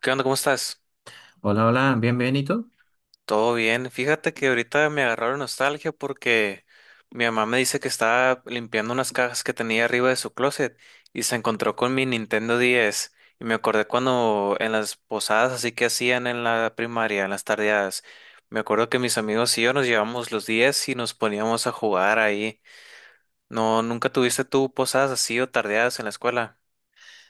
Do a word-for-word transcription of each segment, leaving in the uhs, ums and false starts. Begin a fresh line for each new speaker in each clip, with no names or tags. ¿Qué onda? ¿Cómo estás?
Hola, hola, bienvenido.
Todo bien. Fíjate que ahorita me agarraron nostalgia porque mi mamá me dice que estaba limpiando unas cajas que tenía arriba de su closet y se encontró con mi Nintendo diez. Y me acordé cuando en las posadas así que hacían en la primaria, en las tardeadas, me acuerdo que mis amigos y yo nos llevamos los diez y nos poníamos a jugar ahí. No, ¿nunca tuviste tú posadas así o tardeadas en la escuela?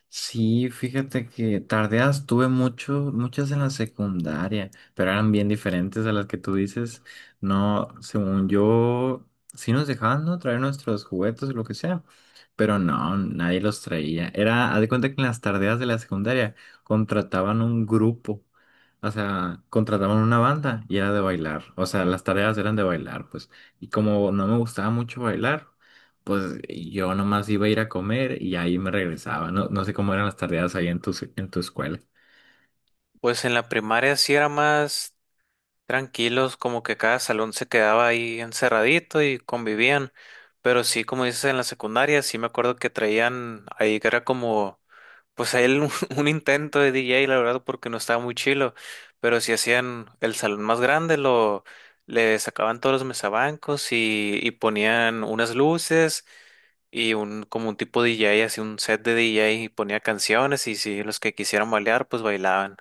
Sí, fíjate que tardeas tuve mucho, muchas en la secundaria, pero eran bien diferentes a las que tú dices. No, según yo, sí nos dejaban, ¿no? Traer nuestros juguetes o lo que sea, pero no, nadie los traía. Era, haz de cuenta que en las tardeas de la secundaria contrataban un grupo, o sea, contrataban una banda y era de bailar. O sea, las tareas eran de bailar, pues. Y como no me gustaba mucho bailar, pues yo nomás iba a ir a comer y ahí me regresaba. No, no sé cómo eran las tareas ahí en tu, se- en tu escuela.
Pues en la primaria sí era más tranquilos, como que cada salón se quedaba ahí encerradito y convivían. Pero sí, como dices, en la secundaria sí me acuerdo que traían ahí que era como, pues ahí el- un, intento de D J, la verdad, porque no estaba muy chilo. Pero si hacían el salón más grande, lo le sacaban todos los mesabancos y, y ponían unas luces y un como un tipo D J, así un set de D J y ponía canciones y si los que quisieran bailar, pues bailaban.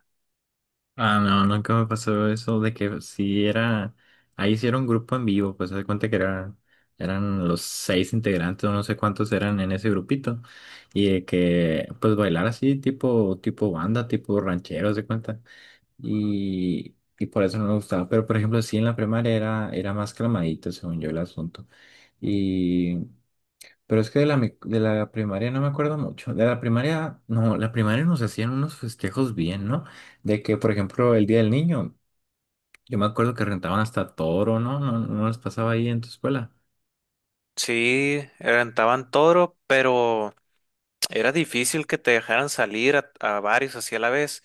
Ah, no, nunca me pasó eso de que si era, ahí sí era un grupo en vivo, pues se da cuenta que era, eran los seis integrantes, o no sé cuántos eran en ese grupito, y de que pues bailar así tipo, tipo banda, tipo ranchero, se cuenta. Y, y por eso no me gustaba. Pero por ejemplo, sí en la primaria era, era más calmadito, según yo, el asunto. Pero es que de la, mi- de la primaria no me acuerdo mucho. De la primaria, no, la primaria nos hacían unos festejos bien, ¿no? De que, por ejemplo, el Día del Niño, yo me acuerdo que rentaban hasta toro, ¿no? No, no no les pasaba ahí en tu escuela.
Sí, rentaban todo, pero era difícil que te dejaran salir a, a varios así a la vez,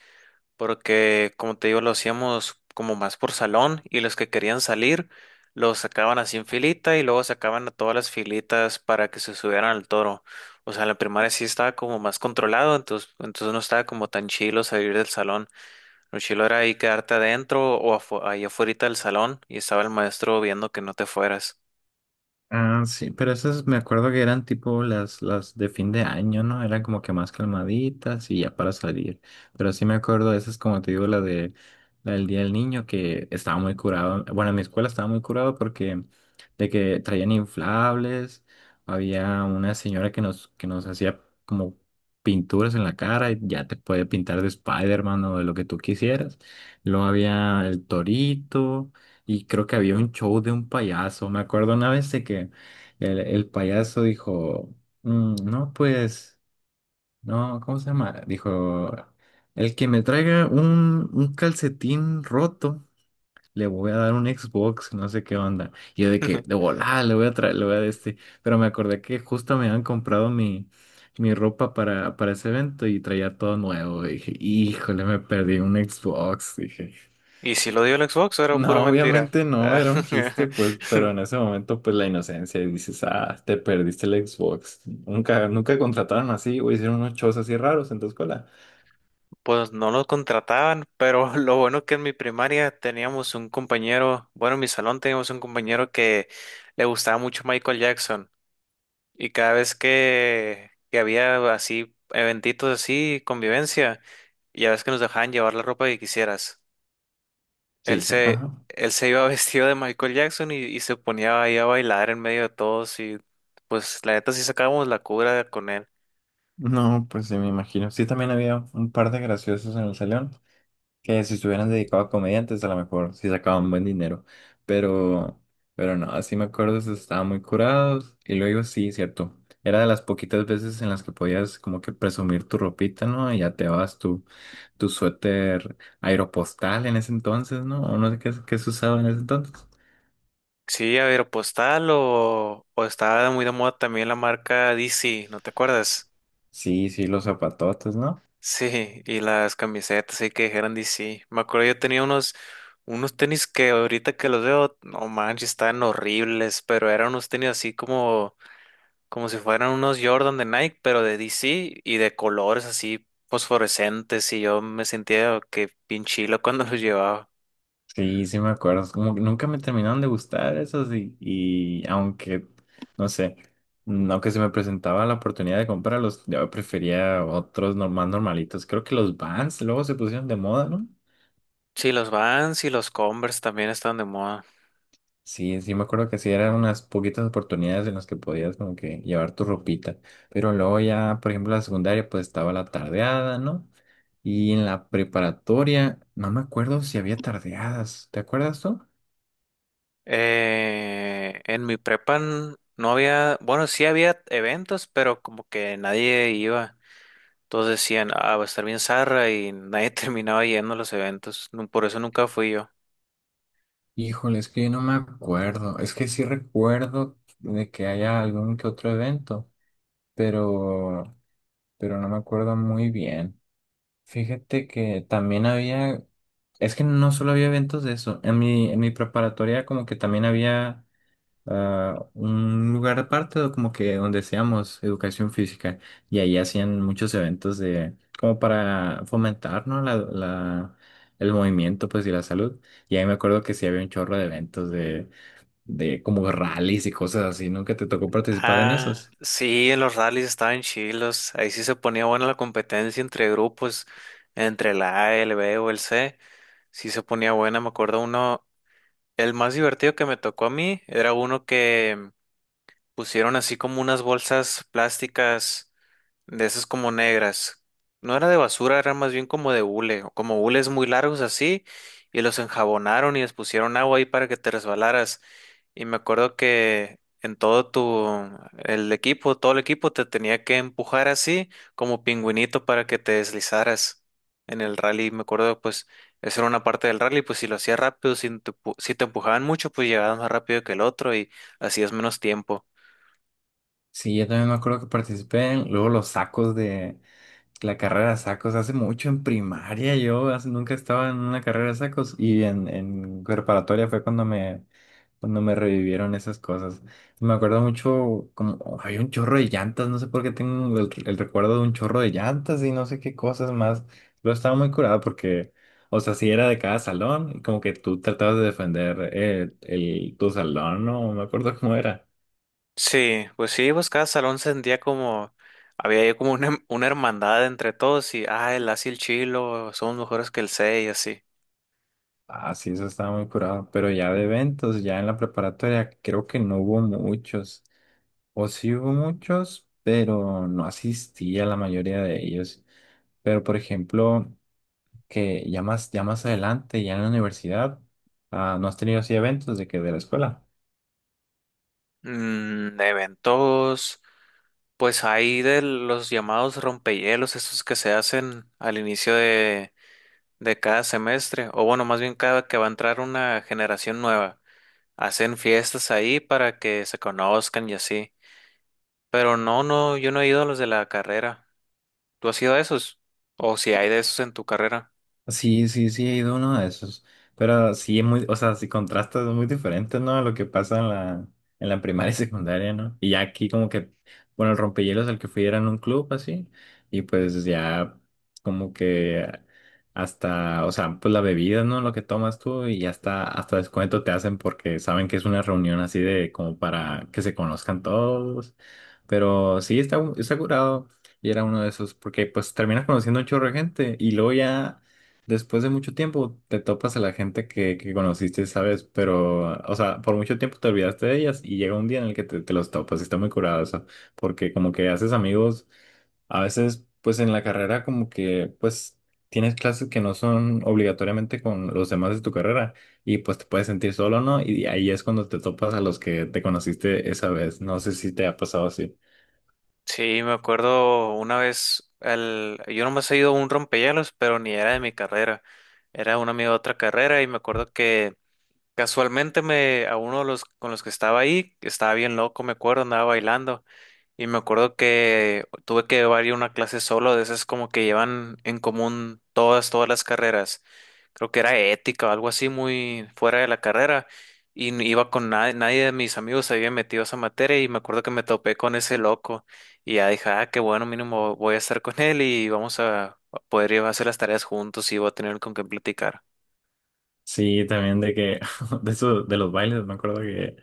porque como te digo, lo hacíamos como más por salón y los que querían salir los sacaban así en filita y luego sacaban a todas las filitas para que se subieran al toro. O sea, en la primaria sí estaba como más controlado, entonces, entonces no estaba como tan chilo salir del salón. Lo chilo era ahí quedarte adentro o afu- ahí afuera del salón y estaba el maestro viendo que no te fueras.
Ah, sí, pero esas me acuerdo que eran tipo las, las de fin de año, ¿no? Eran como que más calmaditas y ya para salir. Pero sí me acuerdo, de esas como te digo, la de la del Día del Niño, que estaba muy curado. Bueno, en mi escuela estaba muy curado porque de que traían inflables, había una señora que nos, que nos hacía como pinturas en la cara y ya te puede pintar de Spider-Man o de lo que tú quisieras. Luego había el torito. Y creo que había un show de un payaso. Me acuerdo una vez de que el, el payaso dijo, "Mm, no, pues, no, ¿cómo se llama?". Dijo, "El que me traiga un, un calcetín roto, le voy a dar un Xbox", no sé qué onda. Y yo de que, de volada, le voy a traer, le voy a dar este. Pero me acordé que justo me habían comprado mi, mi ropa para, para ese evento y traía todo nuevo. Y dije, híjole, me perdí un Xbox, dije.
¿Y si lo dio el Xbox, o era pura
No,
mentira?
obviamente no, era un chiste, pues, pero en ese momento, pues, la inocencia y dices, ah, te perdiste el Xbox. Nunca, nunca contrataron así o hicieron unos shows así raros en tu escuela.
Pues no lo contrataban, pero lo bueno que en mi primaria teníamos un compañero, bueno, en mi salón teníamos un compañero que le gustaba mucho Michael Jackson y cada vez que, que había así eventitos así, convivencia, ya ves que nos dejaban llevar la ropa que quisieras. Él
Sí, sí.
se,
Ajá.
él se iba vestido de Michael Jackson y, y se ponía ahí a bailar en medio de todos y pues la neta sí sacábamos la cura con él.
No, pues sí, me imagino. Sí, también había un par de graciosos en el salón. Que si estuvieran dedicados a comediantes, a lo mejor sí sacaban buen dinero. Pero, pero no, así me acuerdo, se estaban muy curados. Y luego sí, cierto. Era de las poquitas veces en las que podías como que presumir tu ropita, ¿no? Y ya te vas tu, tu suéter aeropostal en ese entonces, ¿no? O no sé qué, qué se usaba en ese entonces.
Sí, Aeropostal o, o estaba muy de moda también la marca D C, ¿no te acuerdas?
Sí, sí, los zapatotes, ¿no?
Sí, y las camisetas sí que dijeron D C. Me acuerdo yo tenía unos, unos tenis que ahorita que los veo, no manches, están horribles, pero eran unos tenis así como, como si fueran unos Jordan de Nike, pero de D C y de colores así fosforescentes y yo me sentía que pinchilo cuando los llevaba.
Sí, sí me acuerdo. Es como que nunca me terminaron de gustar esos y, y aunque, no sé, mm, aunque se me presentaba la oportunidad de comprarlos, yo prefería otros normal normalitos. Creo que los Vans luego se pusieron de moda, ¿no?
Sí, los Vans y los Converse también están de moda.
Sí, sí me acuerdo que sí eran unas poquitas oportunidades en las que podías como que llevar tu ropita. Pero luego ya, por ejemplo, la secundaria pues estaba la tardeada, ¿no? Y en la preparatoria, no me acuerdo si había tardeadas. ¿Te acuerdas tú?
Eh, en mi prepa n- no había, bueno, sí había eventos, pero como que nadie iba. Todos decían, ah, va a estar bien zarra y nadie terminaba yendo a los eventos. Nu- Por eso nunca fui yo.
Híjole, es que yo no me acuerdo. Es que sí recuerdo de que haya algún que otro evento, pero, pero no me acuerdo muy bien. Fíjate que también había, es que no solo había eventos de eso. En mi, en mi preparatoria como que también había ah, un lugar aparte, o como que donde hacíamos educación física y ahí hacían muchos eventos de, como para fomentar, ¿no? La, la, el movimiento, pues, y la salud. Y ahí me acuerdo que sí había un chorro de eventos de de como rallies y cosas así, ¿no? Que te tocó participar en
Ah,
esas.
sí, en los rallies estaban chilos. Ahí sí se ponía buena la competencia entre grupos, entre la A, el B o el C. Sí se ponía buena. Me acuerdo uno, el más divertido que me tocó a mí era uno que pusieron así como unas bolsas plásticas, de esas como negras. No era de basura, era más bien como de hule, o como hules muy largos así, y los enjabonaron y les pusieron agua ahí para que te resbalaras. Y me acuerdo que en todo tu, el equipo, todo el equipo te tenía que empujar así, como pingüinito para que te deslizaras en el rally. Me acuerdo, pues, esa era una parte del rally, pues si lo hacías rápido, si te, empu- si te empujaban mucho, pues llegabas más rápido que el otro y hacías menos tiempo.
Sí, yo también me acuerdo que participé en luego los sacos de, la carrera de sacos, hace mucho en primaria yo hace- nunca estaba en una carrera de sacos y en, en preparatoria fue cuando me, cuando me revivieron esas cosas. Me acuerdo mucho como oh, había un chorro de llantas, no sé por qué tengo el, el recuerdo de un chorro de llantas y no sé qué cosas más. Pero estaba muy curado porque, o sea, si era de cada salón, y como que tú tratabas de defender eh, el, tu salón, no, no me acuerdo cómo era.
Sí, pues sí, pues cada salón sentía como, había ahí como una, una hermandad entre todos y, ah, el Asi y el Chilo, somos mejores que el C y así.
Ah, sí, eso estaba muy curado. Pero ya de eventos, ya en la preparatoria, creo que no hubo muchos. O sí hubo muchos, pero no asistí a la mayoría de ellos. Pero, por ejemplo, que ya más, ya más adelante, ya en la universidad, ah, ¿no has tenido así eventos de que de la escuela?
Mm, de eventos, pues hay de los llamados rompehielos, esos que se hacen al inicio de, de cada semestre, o bueno, más bien cada que va a entrar una generación nueva, hacen fiestas ahí para que se conozcan y así. Pero no, no, yo no he ido a los de la carrera. ¿Tú has ido a esos? ¿O si hay de esos en tu carrera?
Sí, sí, sí, he ido a uno de esos. Pero sí es muy, o sea, si contrastas es muy diferente, ¿no? A lo que pasa en la, en la primaria y secundaria, ¿no? Y ya aquí como que, bueno, el rompehielos al que fui era en un club así, y pues ya como que hasta, o sea, pues la bebida, ¿no? Lo que tomas tú y hasta, hasta descuento te hacen porque saben que es una reunión así de como para que se conozcan todos. Pero sí está, está curado. Y era uno de esos, porque pues terminas conociendo un chorro de gente y luego ya después de mucho tiempo te topas a la gente que, que conociste, ¿sabes? Pero, o sea, por mucho tiempo te olvidaste de ellas y llega un día en el que te, te los topas y está muy curado eso, porque como que haces amigos, a veces pues en la carrera como que pues tienes clases que no son obligatoriamente con los demás de tu carrera y pues te puedes sentir solo, ¿no? Y ahí es cuando te topas a los que te conociste esa vez, no sé si te ha pasado así.
Sí, me acuerdo una vez, al, yo nomás he ido a un rompehielos, pero ni era de mi carrera, era un amigo de otra carrera y me acuerdo que casualmente me, a uno de los con los que estaba ahí, que estaba bien loco, me acuerdo, andaba bailando y me acuerdo que tuve que llevar yo una clase solo, de esas como que llevan en común todas, todas las carreras. Creo que era ética o algo así muy fuera de la carrera. Y n- iba con nadie, nadie de mis amigos se había metido a esa materia y me acuerdo que me topé con ese loco. Y ya dije, ah, qué bueno, mínimo voy a estar con él y vamos a a poder ir a hacer las tareas juntos y voy a tener con quien platicar.
Sí, también de que, de eso, de los bailes, me acuerdo que...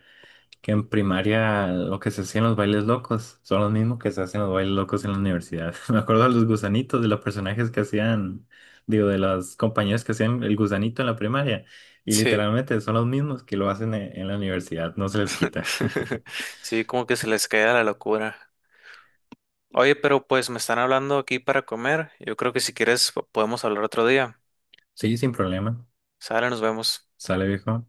que en primaria lo que se hacía en los bailes locos son los mismos que se hacen los bailes locos en la universidad. Me acuerdo de los gusanitos, de los personajes que hacían, digo, de los compañeros que hacían el gusanito en la primaria. Y
Sí.
literalmente son los mismos que lo hacen en, en la universidad, no se les quita.
Sí, como que se les cae la locura. Oye, pero pues me están hablando aquí para comer. Yo creo que si quieres po- podemos hablar otro día.
Sí, sin problema.
Sale, nos vemos.
Sale, viejo.